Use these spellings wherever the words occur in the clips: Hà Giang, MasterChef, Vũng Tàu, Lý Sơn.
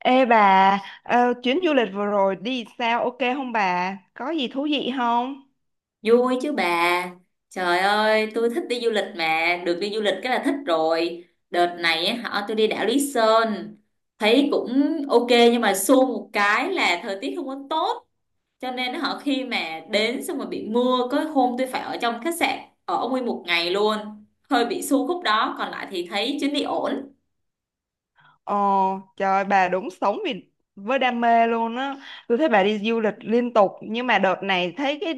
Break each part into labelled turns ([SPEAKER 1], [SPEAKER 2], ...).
[SPEAKER 1] Ê bà, chuyến du lịch vừa rồi đi sao ok không bà? Có gì thú vị không?
[SPEAKER 2] Vui chứ bà. Trời ơi, tôi thích đi du lịch mà, được đi du lịch cái là thích rồi. Đợt này á, họ tôi đi đảo Lý Sơn, thấy cũng ok nhưng mà xui một cái là thời tiết không có tốt, cho nên họ khi mà đến xong rồi bị mưa, có hôm tôi phải ở trong khách sạn ở nguyên một ngày luôn. Hơi bị xui khúc đó, còn lại thì thấy chuyến đi ổn.
[SPEAKER 1] Ồ, trời bà đúng sống vì với đam mê luôn á. Tôi thấy bà đi du lịch liên tục nhưng mà đợt này thấy cái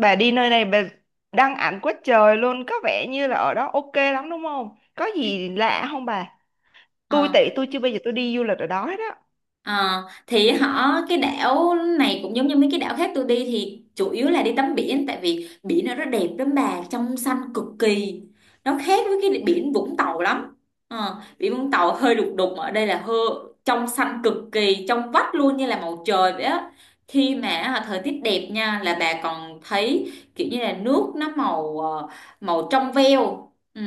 [SPEAKER 1] bà đi nơi này bà đăng ảnh quá trời luôn, có vẻ như là ở đó ok lắm đúng không? Có gì lạ không bà? Tôi
[SPEAKER 2] Ờ.
[SPEAKER 1] tị tôi chưa bao giờ tôi đi du lịch ở đó hết á.
[SPEAKER 2] Ờ, thì họ cái đảo này cũng giống như mấy cái đảo khác tôi đi thì chủ yếu là đi tắm biển, tại vì biển nó rất đẹp lắm bà, trong xanh cực kỳ, nó khác với cái biển Vũng Tàu lắm. Biển Vũng Tàu hơi đục đục, ở đây là hơi trong xanh cực kỳ, trong vắt luôn như là màu trời vậy á. Khi mà thời tiết đẹp nha là bà còn thấy kiểu như là nước nó màu màu trong veo. Ừ.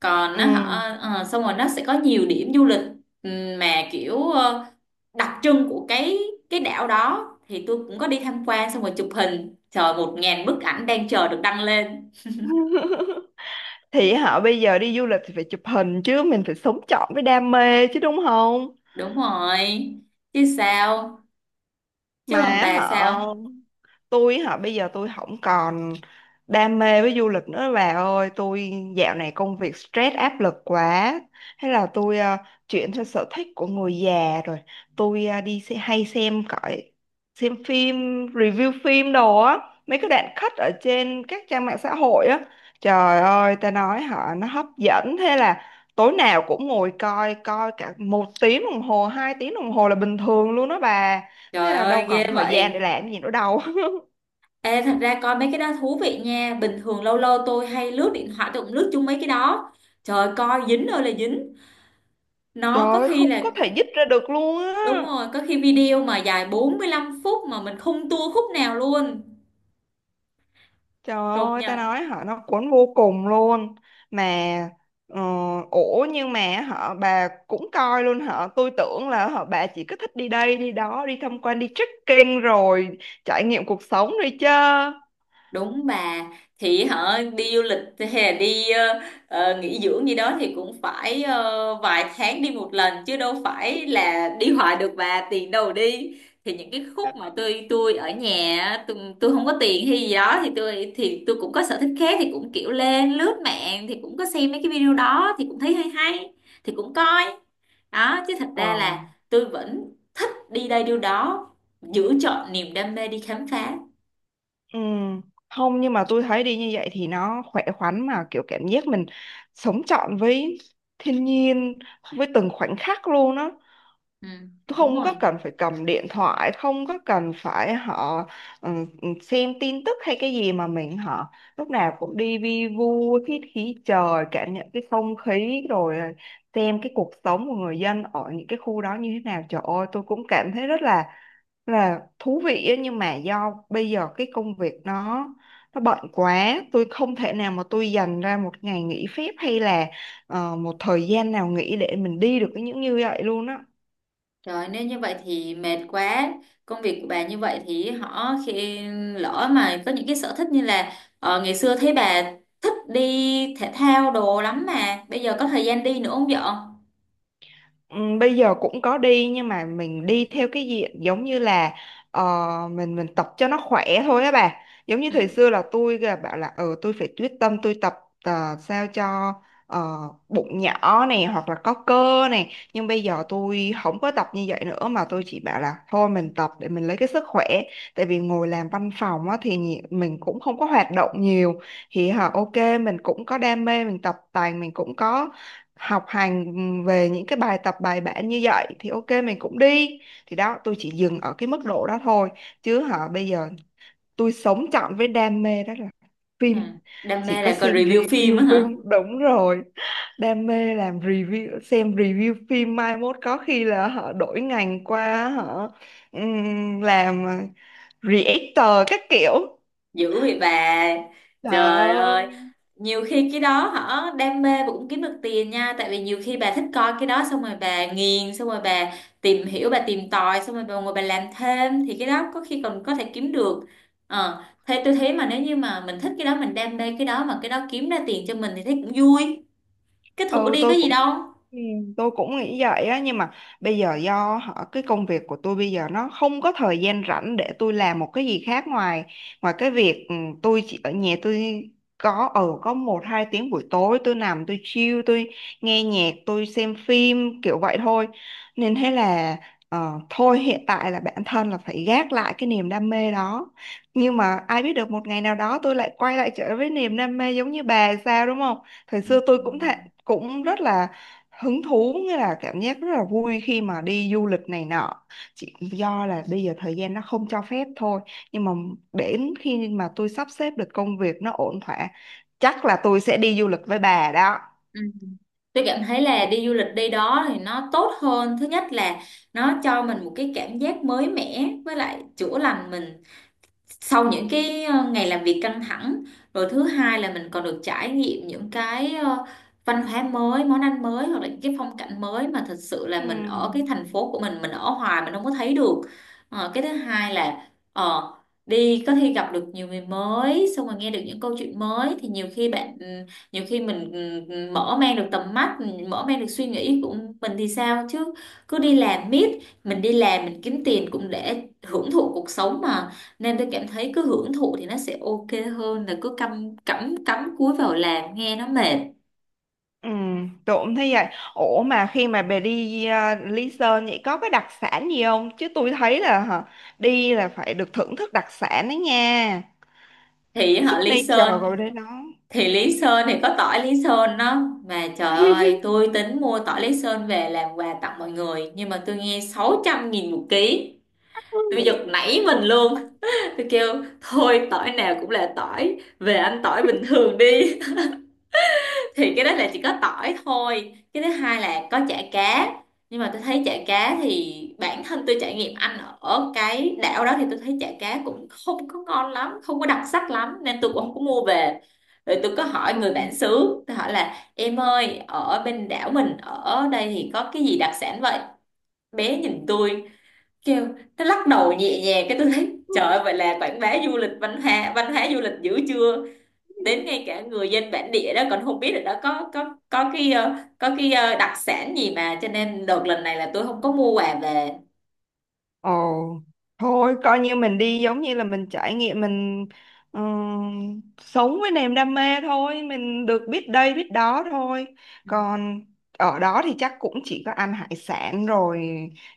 [SPEAKER 2] Còn
[SPEAKER 1] Ừ.
[SPEAKER 2] nó họ xong rồi nó sẽ có nhiều điểm du lịch, ừ, mà kiểu đặc trưng của cái đảo đó thì tôi cũng có đi tham quan, xong rồi chụp hình trời 1000 bức ảnh đang chờ được đăng lên.
[SPEAKER 1] Thì họ bây giờ đi du lịch thì phải chụp hình chứ mình phải sống trọn với đam mê chứ đúng không?
[SPEAKER 2] Đúng rồi, chứ sao.
[SPEAKER 1] Mà
[SPEAKER 2] Chứ còn
[SPEAKER 1] á
[SPEAKER 2] bà
[SPEAKER 1] họ
[SPEAKER 2] sao?
[SPEAKER 1] tôi họ bây giờ tôi không còn đam mê với du lịch nữa bà ơi, tôi dạo này công việc stress áp lực quá, thế là tôi chuyển theo sở thích của người già rồi. Tôi đi xe, hay xem cõi, xem phim, review phim đồ á, mấy cái đoạn cut ở trên các trang mạng xã hội á. Trời ơi ta nói họ nó hấp dẫn, thế là tối nào cũng ngồi coi, coi cả một tiếng đồng hồ, hai tiếng đồng hồ là bình thường luôn đó bà. Thế
[SPEAKER 2] Trời
[SPEAKER 1] là đâu
[SPEAKER 2] ơi
[SPEAKER 1] còn
[SPEAKER 2] ghê
[SPEAKER 1] thời gian để
[SPEAKER 2] vậy.
[SPEAKER 1] làm gì nữa đâu.
[SPEAKER 2] Ê, thật ra coi mấy cái đó thú vị nha, bình thường lâu lâu tôi hay lướt điện thoại tôi cũng lướt chung mấy cái đó, trời coi dính ơi là dính, nó
[SPEAKER 1] Trời
[SPEAKER 2] có
[SPEAKER 1] ơi
[SPEAKER 2] khi
[SPEAKER 1] không
[SPEAKER 2] là
[SPEAKER 1] có thể dứt ra được luôn á.
[SPEAKER 2] đúng rồi, có khi video mà dài 45 phút mà mình không tua khúc nào luôn.
[SPEAKER 1] Trời
[SPEAKER 2] Công
[SPEAKER 1] ơi ta
[SPEAKER 2] nhận.
[SPEAKER 1] nói họ nó cuốn vô cùng luôn. Mà ờ, ủa nhưng mà họ bà cũng coi luôn, họ tôi tưởng là họ bà chỉ có thích đi đây đi đó, đi tham quan, đi trekking rồi trải nghiệm cuộc sống rồi chứ.
[SPEAKER 2] Đúng bà, thì họ đi du lịch hay là đi nghỉ dưỡng gì đó thì cũng phải vài tháng đi một lần chứ đâu phải là đi hoài được bà, tiền đâu mà đi. Thì những cái khúc mà tôi ở nhà á, tôi không có tiền hay gì đó thì tôi cũng có sở thích khác thì cũng kiểu lên lướt mạng thì cũng có xem mấy cái video đó thì cũng thấy hay hay, thì cũng coi đó, chứ thật
[SPEAKER 1] Ờ.
[SPEAKER 2] ra là tôi vẫn thích đi đây đi đó, giữ chọn niềm đam mê đi khám phá.
[SPEAKER 1] Ừ. Không, nhưng mà tôi thấy đi như vậy thì nó khỏe khoắn, mà kiểu cảm giác mình sống trọn với thiên nhiên, với từng khoảnh khắc luôn á,
[SPEAKER 2] ừ, Đúng
[SPEAKER 1] không có
[SPEAKER 2] rồi.
[SPEAKER 1] cần phải cầm điện thoại, không có cần phải họ ừ, xem tin tức hay cái gì mà mình họ lúc nào cũng đi vi vu, hít khí trời, cảm nhận cái không khí, rồi xem cái cuộc sống của người dân ở những cái khu đó như thế nào. Trời ơi tôi cũng cảm thấy rất là thú vị ấy, nhưng mà do bây giờ cái công việc nó bận quá, tôi không thể nào mà tôi dành ra một ngày nghỉ phép hay là một thời gian nào nghỉ để mình đi được cái những như vậy luôn á.
[SPEAKER 2] Rồi nếu như vậy thì mệt quá. Công việc của bà như vậy thì họ khi lỡ mà có những cái sở thích như là ngày xưa thấy bà thích đi thể thao đồ lắm mà bây giờ có thời gian đi nữa không vợ?
[SPEAKER 1] Ừ, bây giờ cũng có đi nhưng mà mình đi theo cái diện giống như là ờ, mình tập cho nó khỏe thôi á bà, giống như
[SPEAKER 2] Ừ.
[SPEAKER 1] thời xưa là tôi là bảo là ờ tôi phải quyết tâm tôi tập sao cho ờ, bụng nhỏ này hoặc là có cơ này, nhưng bây giờ tôi không có tập như vậy nữa mà tôi chỉ bảo là thôi mình tập để mình lấy cái sức khỏe, tại vì ngồi làm văn phòng á, thì mình cũng không có hoạt động nhiều, thì hả ok mình cũng có đam mê, mình tập tành mình cũng có học hành về những cái bài tập bài bản, như vậy thì ok mình cũng đi. Thì đó tôi chỉ dừng ở cái mức độ đó thôi, chứ hả bây giờ tôi sống trọn với đam mê đó là
[SPEAKER 2] Ừ.
[SPEAKER 1] phim.
[SPEAKER 2] Đam
[SPEAKER 1] Chỉ
[SPEAKER 2] mê
[SPEAKER 1] có
[SPEAKER 2] là coi
[SPEAKER 1] xem
[SPEAKER 2] review phim
[SPEAKER 1] review
[SPEAKER 2] á hả?
[SPEAKER 1] phim, đúng rồi, đam mê làm review, xem review phim, mai mốt có khi là họ đổi ngành qua họ làm reactor các kiểu
[SPEAKER 2] Dữ vậy bà. Trời
[SPEAKER 1] đó.
[SPEAKER 2] ơi, nhiều khi cái đó hả đam mê và cũng kiếm được tiền nha, tại vì nhiều khi bà thích coi cái đó xong rồi bà nghiền, xong rồi bà tìm hiểu bà tìm tòi xong rồi bà ngồi bà làm thêm thì cái đó có khi còn có thể kiếm được. Ờ thế tôi thấy mà nếu như mà mình thích cái đó, mình đam mê cái đó mà cái đó kiếm ra tiền cho mình thì thấy cũng vui, cái thử
[SPEAKER 1] Ừ
[SPEAKER 2] đi có
[SPEAKER 1] tôi
[SPEAKER 2] gì
[SPEAKER 1] cũng
[SPEAKER 2] đâu.
[SPEAKER 1] ừ, tôi cũng nghĩ vậy á, nhưng mà bây giờ do họ cái công việc của tôi bây giờ nó không có thời gian rảnh để tôi làm một cái gì khác ngoài ngoài cái việc tôi chỉ ở nhà tôi có ở có một hai tiếng buổi tối tôi nằm tôi chill, tôi nghe nhạc tôi xem phim kiểu vậy thôi, nên thế là thôi hiện tại là bản thân là phải gác lại cái niềm đam mê đó, nhưng mà ai biết được một ngày nào đó tôi lại quay lại trở với niềm đam mê giống như bà sao, đúng không? Thời
[SPEAKER 2] Ừ.
[SPEAKER 1] xưa tôi cũng thế, cũng rất là hứng thú, nghĩa là cảm giác rất là vui khi mà đi du lịch này nọ, chỉ do là bây giờ thời gian nó không cho phép thôi, nhưng mà đến khi mà tôi sắp xếp được công việc nó ổn thỏa, chắc là tôi sẽ đi du lịch với bà đó.
[SPEAKER 2] Ừ. Tôi cảm thấy là
[SPEAKER 1] Ừ.
[SPEAKER 2] đi du lịch đi đó thì nó tốt hơn. Thứ nhất là nó cho mình một cái cảm giác mới mẻ với lại chữa lành mình sau những cái ngày làm việc căng thẳng. Rồi thứ hai là mình còn được trải nghiệm những cái văn hóa mới, món ăn mới hoặc là những cái phong cảnh mới mà thật sự
[SPEAKER 1] ừ,
[SPEAKER 2] là mình ở cái thành phố của mình ở hoài mình không có thấy được. Ờ, cái thứ hai là đi có khi gặp được nhiều người mới, xong rồi nghe được những câu chuyện mới thì nhiều khi bạn nhiều khi mình mở mang được tầm mắt, mình mở mang được suy nghĩ của mình thì sao chứ cứ đi làm miết. Mình đi làm mình kiếm tiền cũng để hưởng thụ cuộc sống mà, nên tôi cảm thấy cứ hưởng thụ thì nó sẽ ok hơn là cứ cắm cắm cắm cúi vào làm nghe nó mệt.
[SPEAKER 1] ừ, tôi cũng thấy vậy. Ủa mà khi mà bà đi Lý Sơn vậy có cái đặc sản gì không? Chứ tôi thấy là hả, đi là phải được thưởng thức đặc sản đấy nha,
[SPEAKER 2] Thì họ Lý
[SPEAKER 1] signature
[SPEAKER 2] Sơn,
[SPEAKER 1] rồi đấy nó.
[SPEAKER 2] thì Lý Sơn thì có tỏi Lý Sơn đó, mà trời ơi tôi tính mua tỏi Lý Sơn về làm quà tặng mọi người nhưng mà tôi nghe 600.000 một ký, tôi giật nảy mình
[SPEAKER 1] Ừ.
[SPEAKER 2] luôn. Tôi kêu thôi tỏi nào cũng là tỏi, về ăn tỏi bình thường đi. Thì cái đó là chỉ có tỏi thôi, cái thứ hai là có chả cá, nhưng mà tôi thấy chả cá thì bản thân tôi trải nghiệm ăn ở cái đảo đó thì tôi thấy chả cá cũng không có ngon lắm, không có đặc sắc lắm nên tôi cũng không có mua về. Rồi tôi có hỏi người bản xứ, tôi hỏi là em ơi ở bên đảo mình ở đây thì có cái gì đặc sản vậy, bé nhìn tôi kêu, nó lắc đầu nhẹ nhàng cái tôi thấy trời
[SPEAKER 1] Ừ.
[SPEAKER 2] ơi, vậy là quảng bá du lịch văn hóa, văn hóa du lịch dữ chưa, đến ngay cả người dân bản địa đó còn không biết là đó có cái đặc sản gì, mà cho nên đợt lần này là tôi không có mua quà về.
[SPEAKER 1] Ồ, thôi coi như mình đi giống như là mình trải nghiệm, mình sống với niềm đam mê thôi, mình được biết đây biết đó thôi.
[SPEAKER 2] Ừ.
[SPEAKER 1] Còn ở đó thì chắc cũng chỉ có ăn hải sản rồi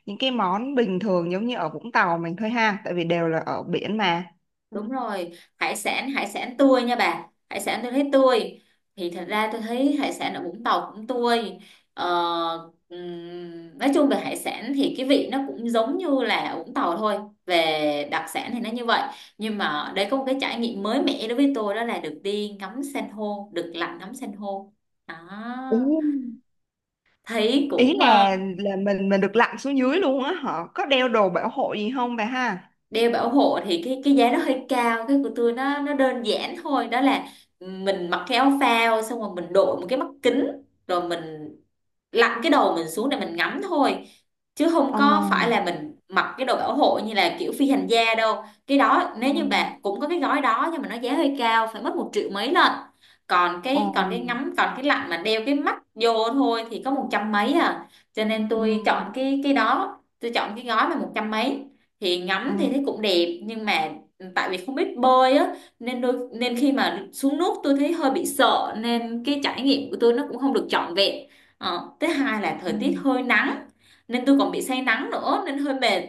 [SPEAKER 1] những cái món bình thường giống như ở Vũng Tàu mình thôi ha, tại vì đều là ở biển mà.
[SPEAKER 2] Đúng rồi, hải sản, hải sản tươi nha bà, hải sản tôi thấy tươi, thì thật ra tôi thấy hải sản ở Vũng Tàu cũng tươi, ờ, nói chung về hải sản thì cái vị nó cũng giống như là ở Vũng Tàu thôi, về đặc sản thì nó như vậy. Nhưng mà đây có một cái trải nghiệm mới mẻ đối với tôi đó là được đi ngắm san hô, được lặn ngắm san hô đó,
[SPEAKER 1] Ừ.
[SPEAKER 2] thấy
[SPEAKER 1] Ý
[SPEAKER 2] cũng
[SPEAKER 1] là mình được lặn xuống dưới luôn á, họ có đeo đồ bảo hộ gì không bà ha?
[SPEAKER 2] đeo bảo hộ thì cái giá nó hơi cao, cái của tôi nó đơn giản thôi, đó là mình mặc cái áo phao, xong rồi mình đội một cái mắt kính rồi mình lặn cái đầu mình xuống để mình ngắm thôi, chứ không
[SPEAKER 1] Ờ.
[SPEAKER 2] có phải là mình mặc cái đồ bảo hộ như là kiểu phi hành gia đâu. Cái đó
[SPEAKER 1] Ừ.
[SPEAKER 2] nếu như bạn cũng có cái gói đó nhưng mà nó giá hơi cao, phải mất một triệu mấy lần. Còn
[SPEAKER 1] Ờ.
[SPEAKER 2] cái còn cái ngắm, còn cái lặn mà đeo cái mắt vô thôi thì có một trăm mấy à, cho nên
[SPEAKER 1] Ừ.
[SPEAKER 2] tôi chọn cái đó, tôi chọn cái gói mà một trăm mấy. Thì
[SPEAKER 1] Ừ.
[SPEAKER 2] ngắm thì thấy cũng đẹp nhưng mà tại vì không biết bơi á nên đôi nên khi mà xuống nước tôi thấy hơi bị sợ nên cái trải nghiệm của tôi nó cũng không được trọn vẹn. Ờ, thứ hai là
[SPEAKER 1] Ừ.
[SPEAKER 2] thời tiết hơi nắng nên tôi còn bị say nắng nữa nên hơi mệt.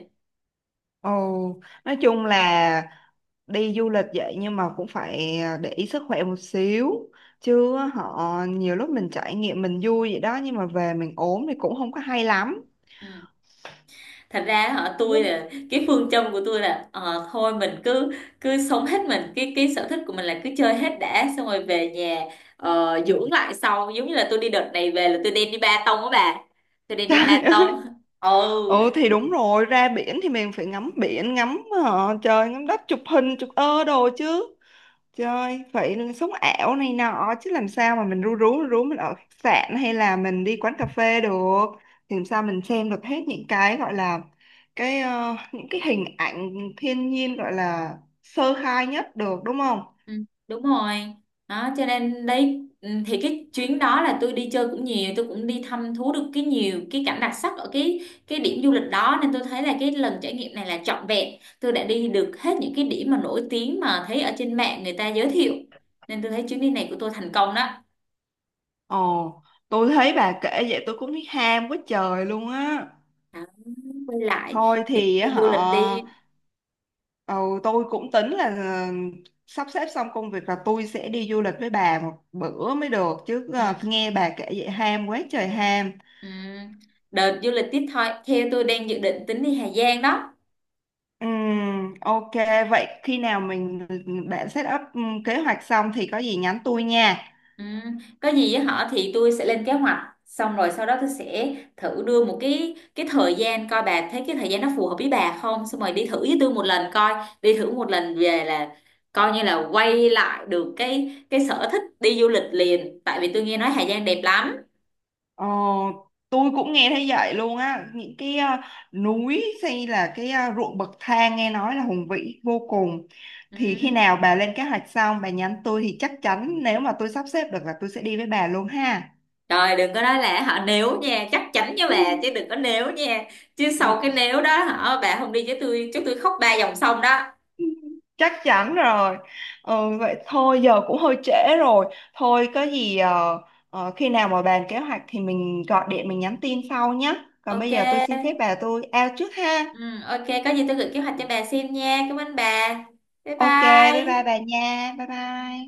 [SPEAKER 1] Ồ, nói chung là đi du lịch vậy nhưng mà cũng phải à, để ý sức khỏe một xíu, chứ họ nhiều lúc mình trải nghiệm mình vui vậy đó nhưng mà về mình ốm thì cũng không có hay lắm.
[SPEAKER 2] Ừ. Thật ra hả
[SPEAKER 1] Đúng
[SPEAKER 2] tôi
[SPEAKER 1] rồi.
[SPEAKER 2] là cái phương châm của tôi là thôi mình cứ cứ sống hết mình, cái sở thích của mình là cứ chơi hết đã, xong rồi về nhà dưỡng lại sau. Giống như là tôi đi đợt này về là tôi đem đi ba tông á bà, tôi đem đi ba tông. Ừ.
[SPEAKER 1] Ừ thì đúng rồi, ra biển thì mình phải ngắm biển, ngắm trời ngắm đất, chụp hình chụp ơ đồ chứ, chơi vậy là sống ảo này nọ, chứ làm sao mà mình ru rú mình ở khách sạn hay là mình đi quán cà phê được, thì làm sao mình xem được hết những cái gọi là cái những cái hình ảnh thiên nhiên gọi là sơ khai nhất được, đúng không?
[SPEAKER 2] Ừ, đúng rồi, đó cho nên đấy thì cái chuyến đó là tôi đi chơi cũng nhiều, tôi cũng đi thăm thú được cái nhiều cái cảnh đặc sắc ở cái điểm du lịch đó nên tôi thấy là cái lần trải nghiệm này là trọn vẹn, tôi đã đi được hết những cái điểm mà nổi tiếng mà thấy ở trên mạng người ta giới thiệu nên tôi thấy chuyến đi này của tôi thành công đó.
[SPEAKER 1] Ồ, tôi thấy bà kể vậy tôi cũng thấy ham quá trời luôn á.
[SPEAKER 2] Đó, quay lại,
[SPEAKER 1] Thôi
[SPEAKER 2] đi
[SPEAKER 1] thì
[SPEAKER 2] đi
[SPEAKER 1] á
[SPEAKER 2] du lịch
[SPEAKER 1] họ
[SPEAKER 2] đi.
[SPEAKER 1] ừ, tôi cũng tính là sắp xếp xong công việc là tôi sẽ đi du lịch với bà một bữa mới được chứ,
[SPEAKER 2] Ừ,
[SPEAKER 1] ờ, nghe bà kể vậy ham quá trời ham.
[SPEAKER 2] ừ. Đợt du lịch tiếp thôi theo tôi đang dự định tính đi Hà Giang đó.
[SPEAKER 1] Ok, vậy khi nào mình bạn set up kế hoạch xong thì có gì nhắn tôi nha.
[SPEAKER 2] Ừ. Có gì với họ thì tôi sẽ lên kế hoạch, xong rồi sau đó tôi sẽ thử đưa một cái thời gian coi bà thấy cái thời gian nó phù hợp với bà không, xong rồi đi thử với tôi một lần coi. Đi thử một lần về là coi như là quay lại được cái sở thích đi du lịch liền, tại vì tôi nghe nói Hà Giang đẹp lắm.
[SPEAKER 1] Ờ, tôi cũng nghe thấy vậy luôn á, những cái núi hay là cái ruộng bậc thang nghe nói là hùng vĩ vô cùng.
[SPEAKER 2] Ừ.
[SPEAKER 1] Thì khi nào bà lên kế hoạch xong bà nhắn tôi thì chắc chắn nếu mà tôi sắp xếp được là tôi sẽ đi với bà luôn ha.
[SPEAKER 2] Trời đừng có nói là họ nếu nha, chắc chắn với
[SPEAKER 1] Ừ.
[SPEAKER 2] bà chứ đừng có nếu nha, chứ
[SPEAKER 1] ừ,
[SPEAKER 2] sau cái nếu đó hả bà không đi với tôi chứ tôi khóc ba dòng sông đó.
[SPEAKER 1] ừ, chắc chắn rồi. Ừ, vậy thôi giờ cũng hơi trễ rồi, thôi có gì khi nào mà bàn kế hoạch thì mình gọi điện mình nhắn tin sau nhé, còn
[SPEAKER 2] Ok.
[SPEAKER 1] bây giờ tôi xin phép bà tôi out trước ha.
[SPEAKER 2] Ừ, ok, có gì tôi gửi kế hoạch cho bà xem nha. Cảm ơn bà. Bye
[SPEAKER 1] Ok, bye bye
[SPEAKER 2] bye.
[SPEAKER 1] bà nha, bye bye.